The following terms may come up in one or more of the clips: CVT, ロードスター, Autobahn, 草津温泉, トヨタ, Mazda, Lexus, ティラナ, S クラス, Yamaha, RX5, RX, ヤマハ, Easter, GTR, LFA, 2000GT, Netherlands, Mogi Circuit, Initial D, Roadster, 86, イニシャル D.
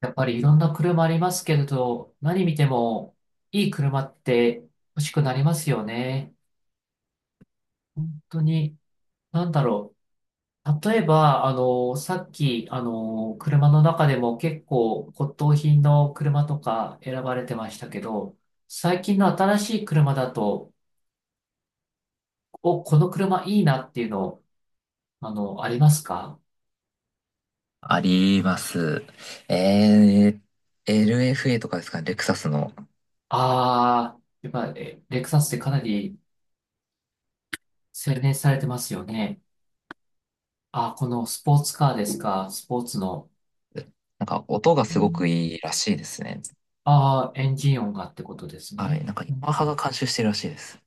やっぱりいろんな車ありますけれど、何見てもいい車って欲しくなりますよね。本当に、なんだろ例えば、さっき、車の中でも結構骨董品の車とか選ばれてましたけど、最近の新しい車だと、お、この車いいなっていうの、ありますか？あります。えLFA とかですかね、レクサスの。ああー、やっぱ、レクサスってかなり洗練されてますよね。あー、このスポーツカーですか？スポーツの。なんか音がうすごくん。いいらしいですね。ああ、エンジン音がってことですはい。ね。なんかヤうん。マハが監修してるらしいです。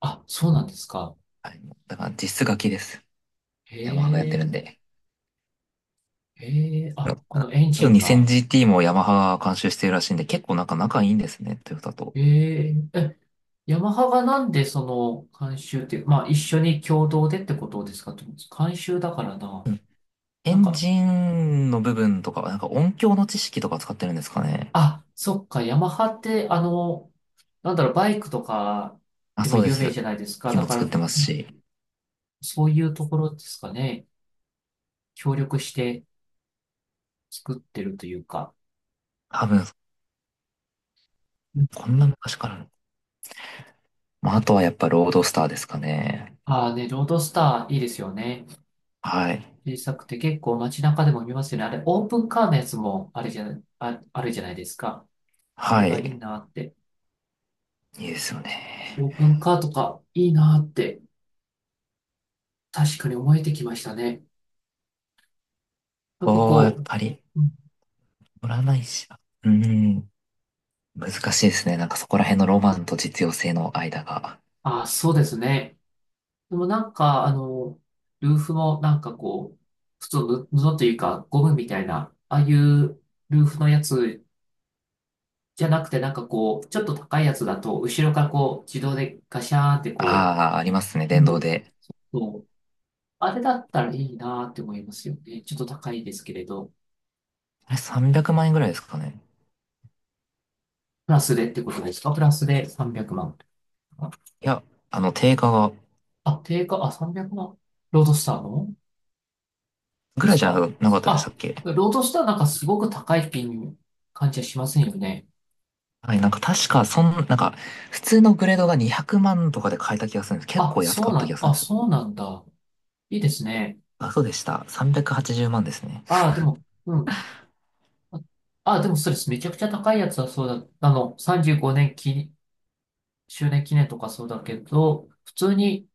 あ、そうなんですか？はい。だから実質楽です。へヤマハがやってるえ、んで。へえ、あ、このエンジンが。2000GT もヤマハが監修してるらしいんで、結構なんか仲いいんですね、トヨタと。へえ、ヤマハがなんでその監修ってまあ一緒に共同でってことですかと思うんです。監修だからな。うんエなんンか、ジンの部分とかは、なんか音響の知識とか使ってるんですかね。あ、そっか、ヤマハってバイクとかあ、でもそうで有名す。じゃないですか。機だもから、作うってまん、すし、そういうところですかね。協力して作ってるというか。多分、こんな昔から。まあ、あとはやっぱロードスターですかね。ああね、ロードスターいいですよね。はい。小さくて結構街中でも見ますよね。あれ、オープンカーのやつもあれじゃない、あ、あるじゃないですか。あはれがいいい。なって。いいですよね。オープンカーとかいいなって確かに思えてきましたね。なんかおー、やっこぱり、う、うん、乗らないしな。うーん。難しいですね。なんかそこら辺のロマンと実用性の間が。ああ、そうですね。でもなんか、ルーフもなんかこう、普通の布布というかゴムみたいな、ああいうルーフのやつじゃなくてなんかこう、ちょっと高いやつだと、後ろからこう、自動でガシャーンってこああ、ありますね、う、う電動ん、で。そう。あれだったらいいなって思いますよね。ちょっと高いですけれど。あれ、300万円ぐらいですかね。プラスでってことですか？プラスで300万。いや、定価が、あ、定価、300万。ロードスターのぐでらすいじゃか？なかったでしたあ、っけ？ロードスターなんかすごく高い金感じはしませんよね。はい、なんか確か、なんか、普通のグレードが200万とかで買えた気がするんです。結構安かった気がするんあ、です。そうなんだ。いいですね。あ、そうでした。380万ですね。あ、でも、うん。あ、あ、でもそうです。めちゃくちゃ高いやつはそうだ。35年周年記念とかそうだけど、普通に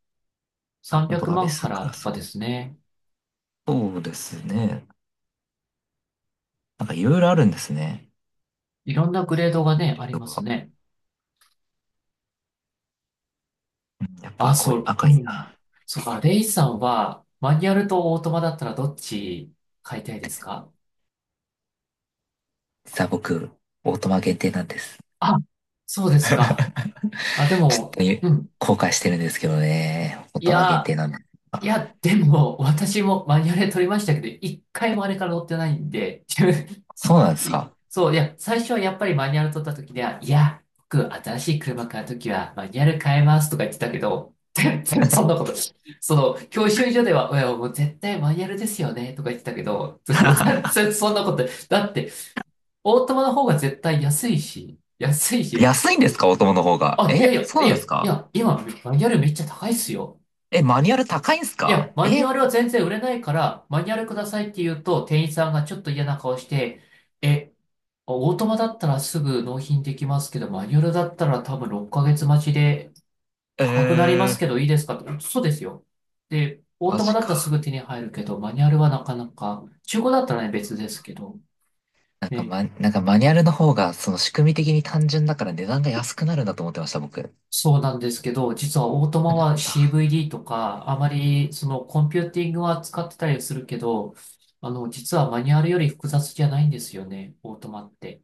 あ、本300当だ。万か S クらラとス。かですね。そうですね。なんかいろいろあるんですね。いろんなグレードがね、グあレりードますが。ね。やっあ、ぱこそうう、う赤いん。な。そっか、レイさんは、マニュアルとオートマだったらどっち買いたいですか？実は僕、オートマ限定なんです。あ、そうですか。あ、でちょっも、とゆうん。後悔してるんですけどね。オーいトマ限定や、なんで。いあ、や、でも、私もマニュアルで取りましたけど、一回もあれから乗ってないんで、そうなんですいか？ そう、いや、最初はやっぱりマニュアル取った時では、いや、僕、新しい車買う時はマニュアル変えますとか言ってたけど、全然そんなこと、その、教習所では、いや、もう絶対マニュアルですよねとか言ってたけど、もう全 然そんなこと、だって、オートマの方が絶対安いし、安いし、安いんですかオートマの方が？あ、いやいえ、や、そういなんや、ですいか？や、今、マニュアルめっちゃ高いっすよ。え、マニュアル高いんですいか？や、マニュえ、アルは全然売れないから、マニュアルくださいって言うと、店員さんがちょっと嫌な顔して、え、オートマだったらすぐ納品できますけど、マニュアルだったら多分6ヶ月待ちでえ高くなりますけー、どいいですかって、そうですよ。で、オーマトマジだったらすか。ぐ手に入るけど、マニュアルはなかなか、中古だったらね、別ですけど、ね、なんかマニュアルの方が、その仕組み的に単純だから値段が安くなるんだと思ってました、僕。そうなんですけど、実はオートマなるは んだ。CVD とか、あまりそのコンピューティングは使ってたりするけど、実はマニュアルより複雑じゃないんですよね、オートマって。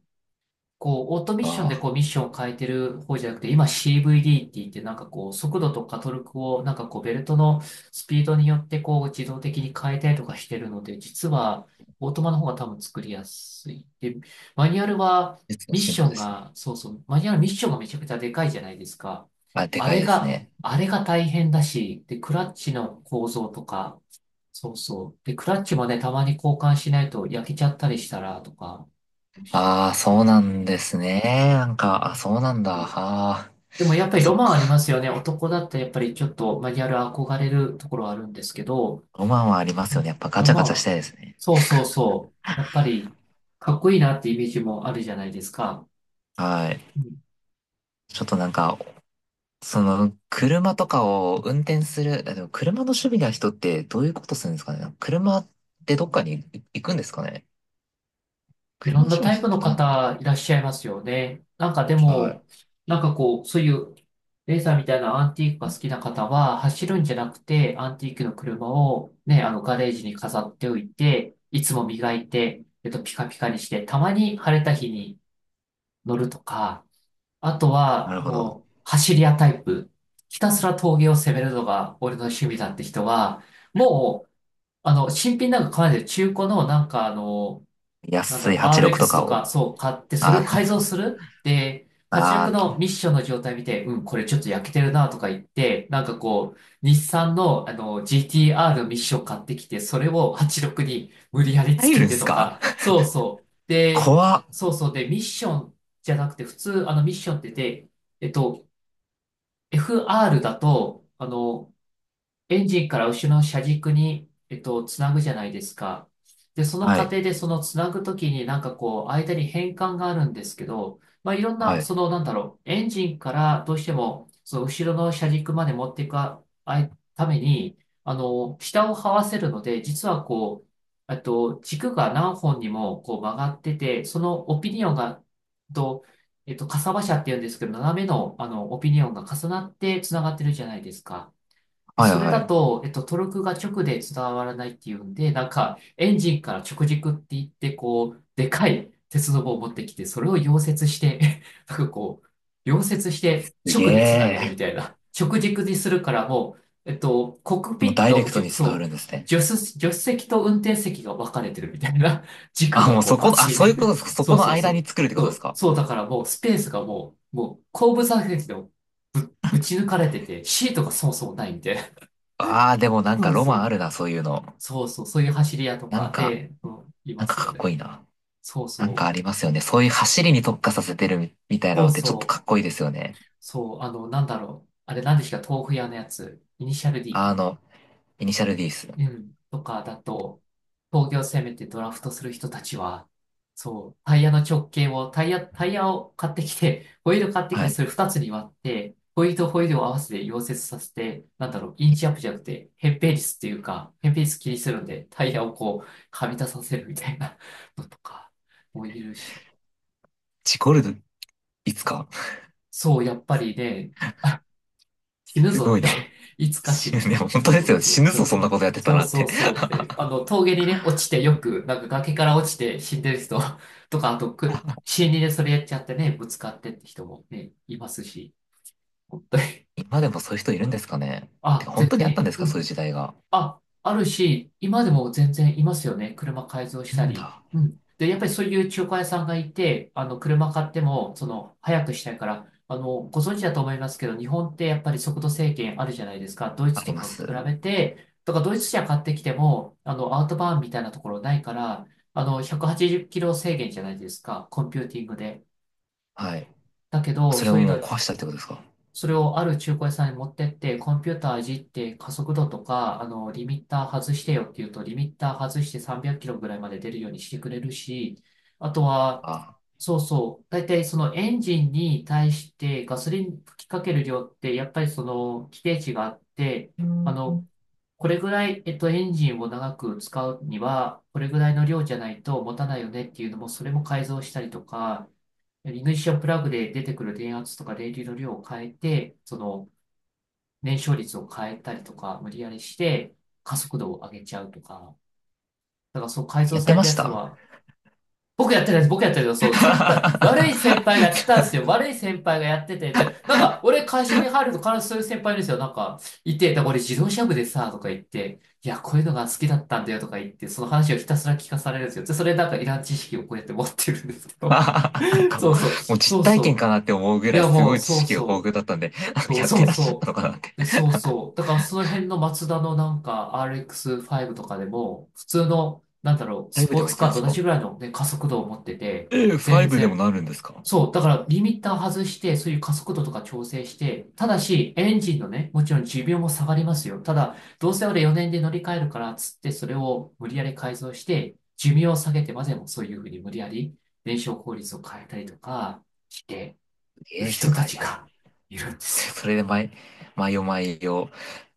こう、オートミッションでああ、こう、ミッションを変えてる方じゃなくて、今 CVD って言って、なんかこう、速度とかトルクを、なんかこう、ベルトのスピードによってこう、自動的に変えたりとかしてるので、実は、オートマの方が多分作りやすい。で、マニュアルは、技術のミッ進ショ歩ンですね。が、そうそう、マニュアルミッションがめちゃくちゃでかいじゃないですか。あ、であかいれですが、ね。あれが大変だし、で、クラッチの構造とか、そうそう。で、クラッチもね、たまに交換しないと焼けちゃったりしたら、とか、うああ、そうん、なんですね。なんか、あ、そうなんだ。あそう。あ、でもやっぱあ、りそロっマンか。ありますよね。男だったらやっぱりちょっとマニュアル憧れるところはあるんですけど、ロマンはありまうすよね。やん、っぱガロチャマガンチャしは、たいですね。そうそうそう。やっぱりかっこいいなってイメージもあるじゃないですか。はい。うん、ちょっとなんか、その、車とかを運転する、あでも車の趣味な人ってどういうことするんですかね。車ってどっかに行くんですかね。い車のろんな趣味のタイ人っプてのどうなんだろう。方いらっしゃいますよね。なんかでも、なんかこう、そういうレーサーみたいなアンティークが好きな方は走るんじゃなくて、アンティークの車をね、あのガレージに飾っておいて、いつも磨いて、ピカピカにして、たまに晴れた日に乗るとか、あとなは、るほど。もう、走り屋タイプ。ひたすら峠を攻めるのが俺の趣味だって人は、もう、新品なんか買わないで中古のなんかあの、安い86と RX かとか、を。そう、買って、それあをー、改造するで、86あー、のミッションの状態見て、うん、これちょっと焼けてるなとか言って、なんかこう、日産の、GTR のミッション買ってきて、それを86に無理やりつ入けるんてすとか？か、そうそう。で、怖っ。そうそう。で、ミッションじゃなくて、普通、ミッションって、えっと、FR だと、エンジンから後ろの車軸に、つなぐじゃないですか。で、そのは過い。程でそのつなぐときになんかこう、間に変換があるんですけど、まあ、いろんはな、い。その、エンジンからどうしても、その後ろの車軸まで持っていくいために、下を這わせるので、実はこう、軸が何本にもこう曲がってて、そのオピニオンが、と、かさばしゃって言うんですけど、斜めの、オピニオンが重なってつながってるじゃないですか。で、はい、それはだい。と、トルクが直で伝わらないっていうんで、なんか、エンジンから直軸って言って、こう、でかい鉄の棒を持ってきて、それを溶接して、なんかこう、溶接してすげ直でつなげるみえ。たいな。直軸にするからもう、コックピもうッダイレト、クトに伝わるそんですう、ね。助手席と運転席が分かれてるみたいな。軸あ、がもうこそう、バこ、あ、チそういうことッ。そそこうのそうそ間にう。作るってこそとですう、か？そうだからもう、スペースがもう、後部座席でもぶち抜かれてて、シートがそもそもないんで、ああー、でもなんそかうロそマンあう。るな、そういうの。そうそう。そういう走り屋となんかか、で、うん、いなんまかすよかっこね。いいな。そうなんかそあう。りますよね。そういう走りに特化させてるみたいなそのうってちょっとそう。かっこいいですよね。そう。あれ、なんでしたっけ？豆腐屋のやつ。イニシャル D。あの、イニシャル D です。うん、とかだと、工業を攻めてドラフトする人たちは、そう、タイヤの直径を、タイヤを買ってきて、ホイール買ってきはて、い。それ2つに割って、ホイールとホイールを合わせて溶接させて、なんだろう、インチアップじゃなくて、扁平率っていうか、扁平率気にするんで、タイヤをこう、はみ出させるみたいなのとかもいるし、ジコルド、いつか。そう、やっぱりね、死ぬすぞごっいな。て いつか死死ぬぬ、ね、ぞ。本当でそすうよ。そ死う。ぬでぞ、もそほんなんことやってたそうなっそうて。そうって、あの、峠にね、落ちてよく、なんか崖から落ちて死んでる人 とか、あとく、死にでそれやっちゃってね、ぶつかってって人もね、いますし、本当に。今でもそういう人いるんで すかね。てあ、か、本全当にあったん然、ですうか、そういうん。時代が？あ、あるし、今でも全然いますよね。車改造しいるたんり。だ。うん。で、やっぱりそういう中古屋さんがいて、あの、車買っても、その、早くしたいから、あの、ご存知だと思いますけど、日本ってやっぱり速度制限あるじゃないですか。ドイあツりとまかとす。比べて、とか、ドイツ車買ってきても、あの、アウトバーンみたいなところないから、あの、180キロ制限じゃないですか。コンピューティングで。はい。だけど、それそをういうもうの壊したってことですか？それをある中古屋さんに持ってって、コンピューターいじって加速度とか、あの、リミッター外してよって言うと、リミッター外して300キロぐらいまで出るようにしてくれるし、あとは、あ、そうそう、大体そのエンジンに対してガソリン吹きかける量って、やっぱりその規定値があって、うあの、ん、これぐらい、エンジンを長く使うには、これぐらいの量じゃないと持たないよねっていうのも、それも改造したりとか、イグニッションプラグで出てくる電圧とか電流の量を変えて、その燃焼率を変えたりとか、無理やりして加速度を上げちゃうとか。だからそう改や造ってされまたしやつた。 は、僕やってないです。僕やってるけど、そう、なん悪か、い先輩がやってたんですよ。悪い先輩がやってて、でなんか、俺会社に入ると必ずそういう先輩いるんですよ。なんか、いて、だから俺自動車部でさ、とか言って、いや、こういうのが好きだったんだよとか言って、その話をひたすら聞かされるんですよ。で、それなんかいらん知識をこうやって持ってるんですけど。あなん かもう、そうそう、もうそ実う体そ験かなって思うぐう。いらいや、すもごう、い知そう識が豊富そだったんで、なんかう。そうやっそてうらっしゃったそのかなって。う。で、そうそう。だからその辺のマツダのなんか RX5 とかでも、普通の、なんだろう、ファイスブポでーも行ツけるんカーでとす同か？じぐらいのね、加速度を持ってて、ええ、ファイ全ブでも然。なるんですか？そう。だからリミッター外して、そういう加速度とか調整して、ただし、エンジンのね、もちろん寿命も下がりますよ。ただ、どうせ俺4年で乗り換えるから、つってそれを無理やり改造して、寿命を下げてまでもそういうふうに無理やり燃焼効率を変えたりとかしてるええ、世人た界ちだ。がいるんですよ。それで毎夜毎夜、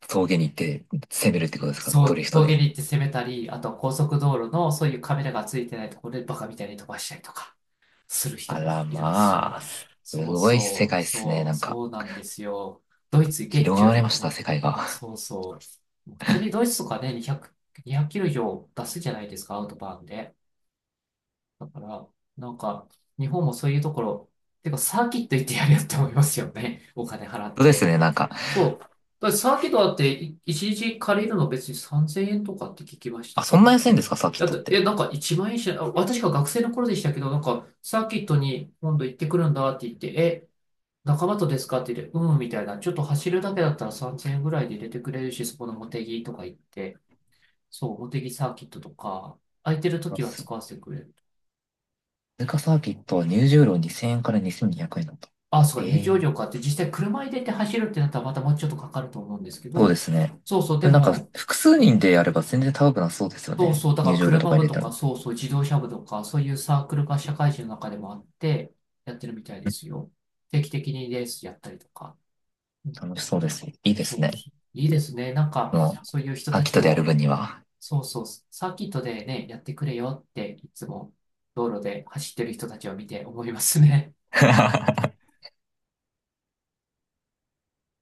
峠に行って攻めるってことですか？そドリう、フト峠で。に行って攻めたり、あとは高速道路のそういうカメラがついてないところでバカみたいに飛ばしたりとかする人あもら、いるんですまあ、よ。すそうごい世そう、界ですね。そなう、んか、そうなんですよ。ドイツ月広中がだりっまてした、ね。世界が。そうそう。普通にドイツとかね、200キロ以上出すじゃないですか、アウトバーンで。だから、なんか、日本もそういうところ、てかサーキット行ってやるよって思いますよね。お金払っそうですて。ね、なんか。そう。だからサーキットだってい一日借りるの別に3000円とかって聞きましたあ、けそんどな安ね。いんですかサーキだットっって、え、て？なんか1万円しない、あ私が学生の頃でしたけど、なんかサーキットに今度行ってくるんだって言って、え、仲間とですかって言って、うん、みたいな。ちょっと走るだけだったら3000円ぐらいで入れてくれるし、そこの茂木とか行って、そう、茂木サーキットとか、空いてる時は使わせてくれる。通貨サーキットは入場料2000円から2200円だった。あ、そうか、入場ええ、料かって、実際車入れて走るってなったらまたもうちょっとかかると思うんですけそうでど、すね。そうそう、ででもなんか、も、複数人でやれば全然高くなそうですよそうね。そう、だか入ら場料と車か入部れとてか、も。そうそう、自動車部とか、そういうサークルが社会人の中でもあって、やってるみたいですよ。定期的にレースやったりとか。うん、楽しそうです。いいですそうね。そう。いいですね。なんか、もそういう人う、ーたキッちトでやるも、分には。そうそう、サーキットでね、やってくれよって、いつも道路で走ってる人たちを見て思いますね。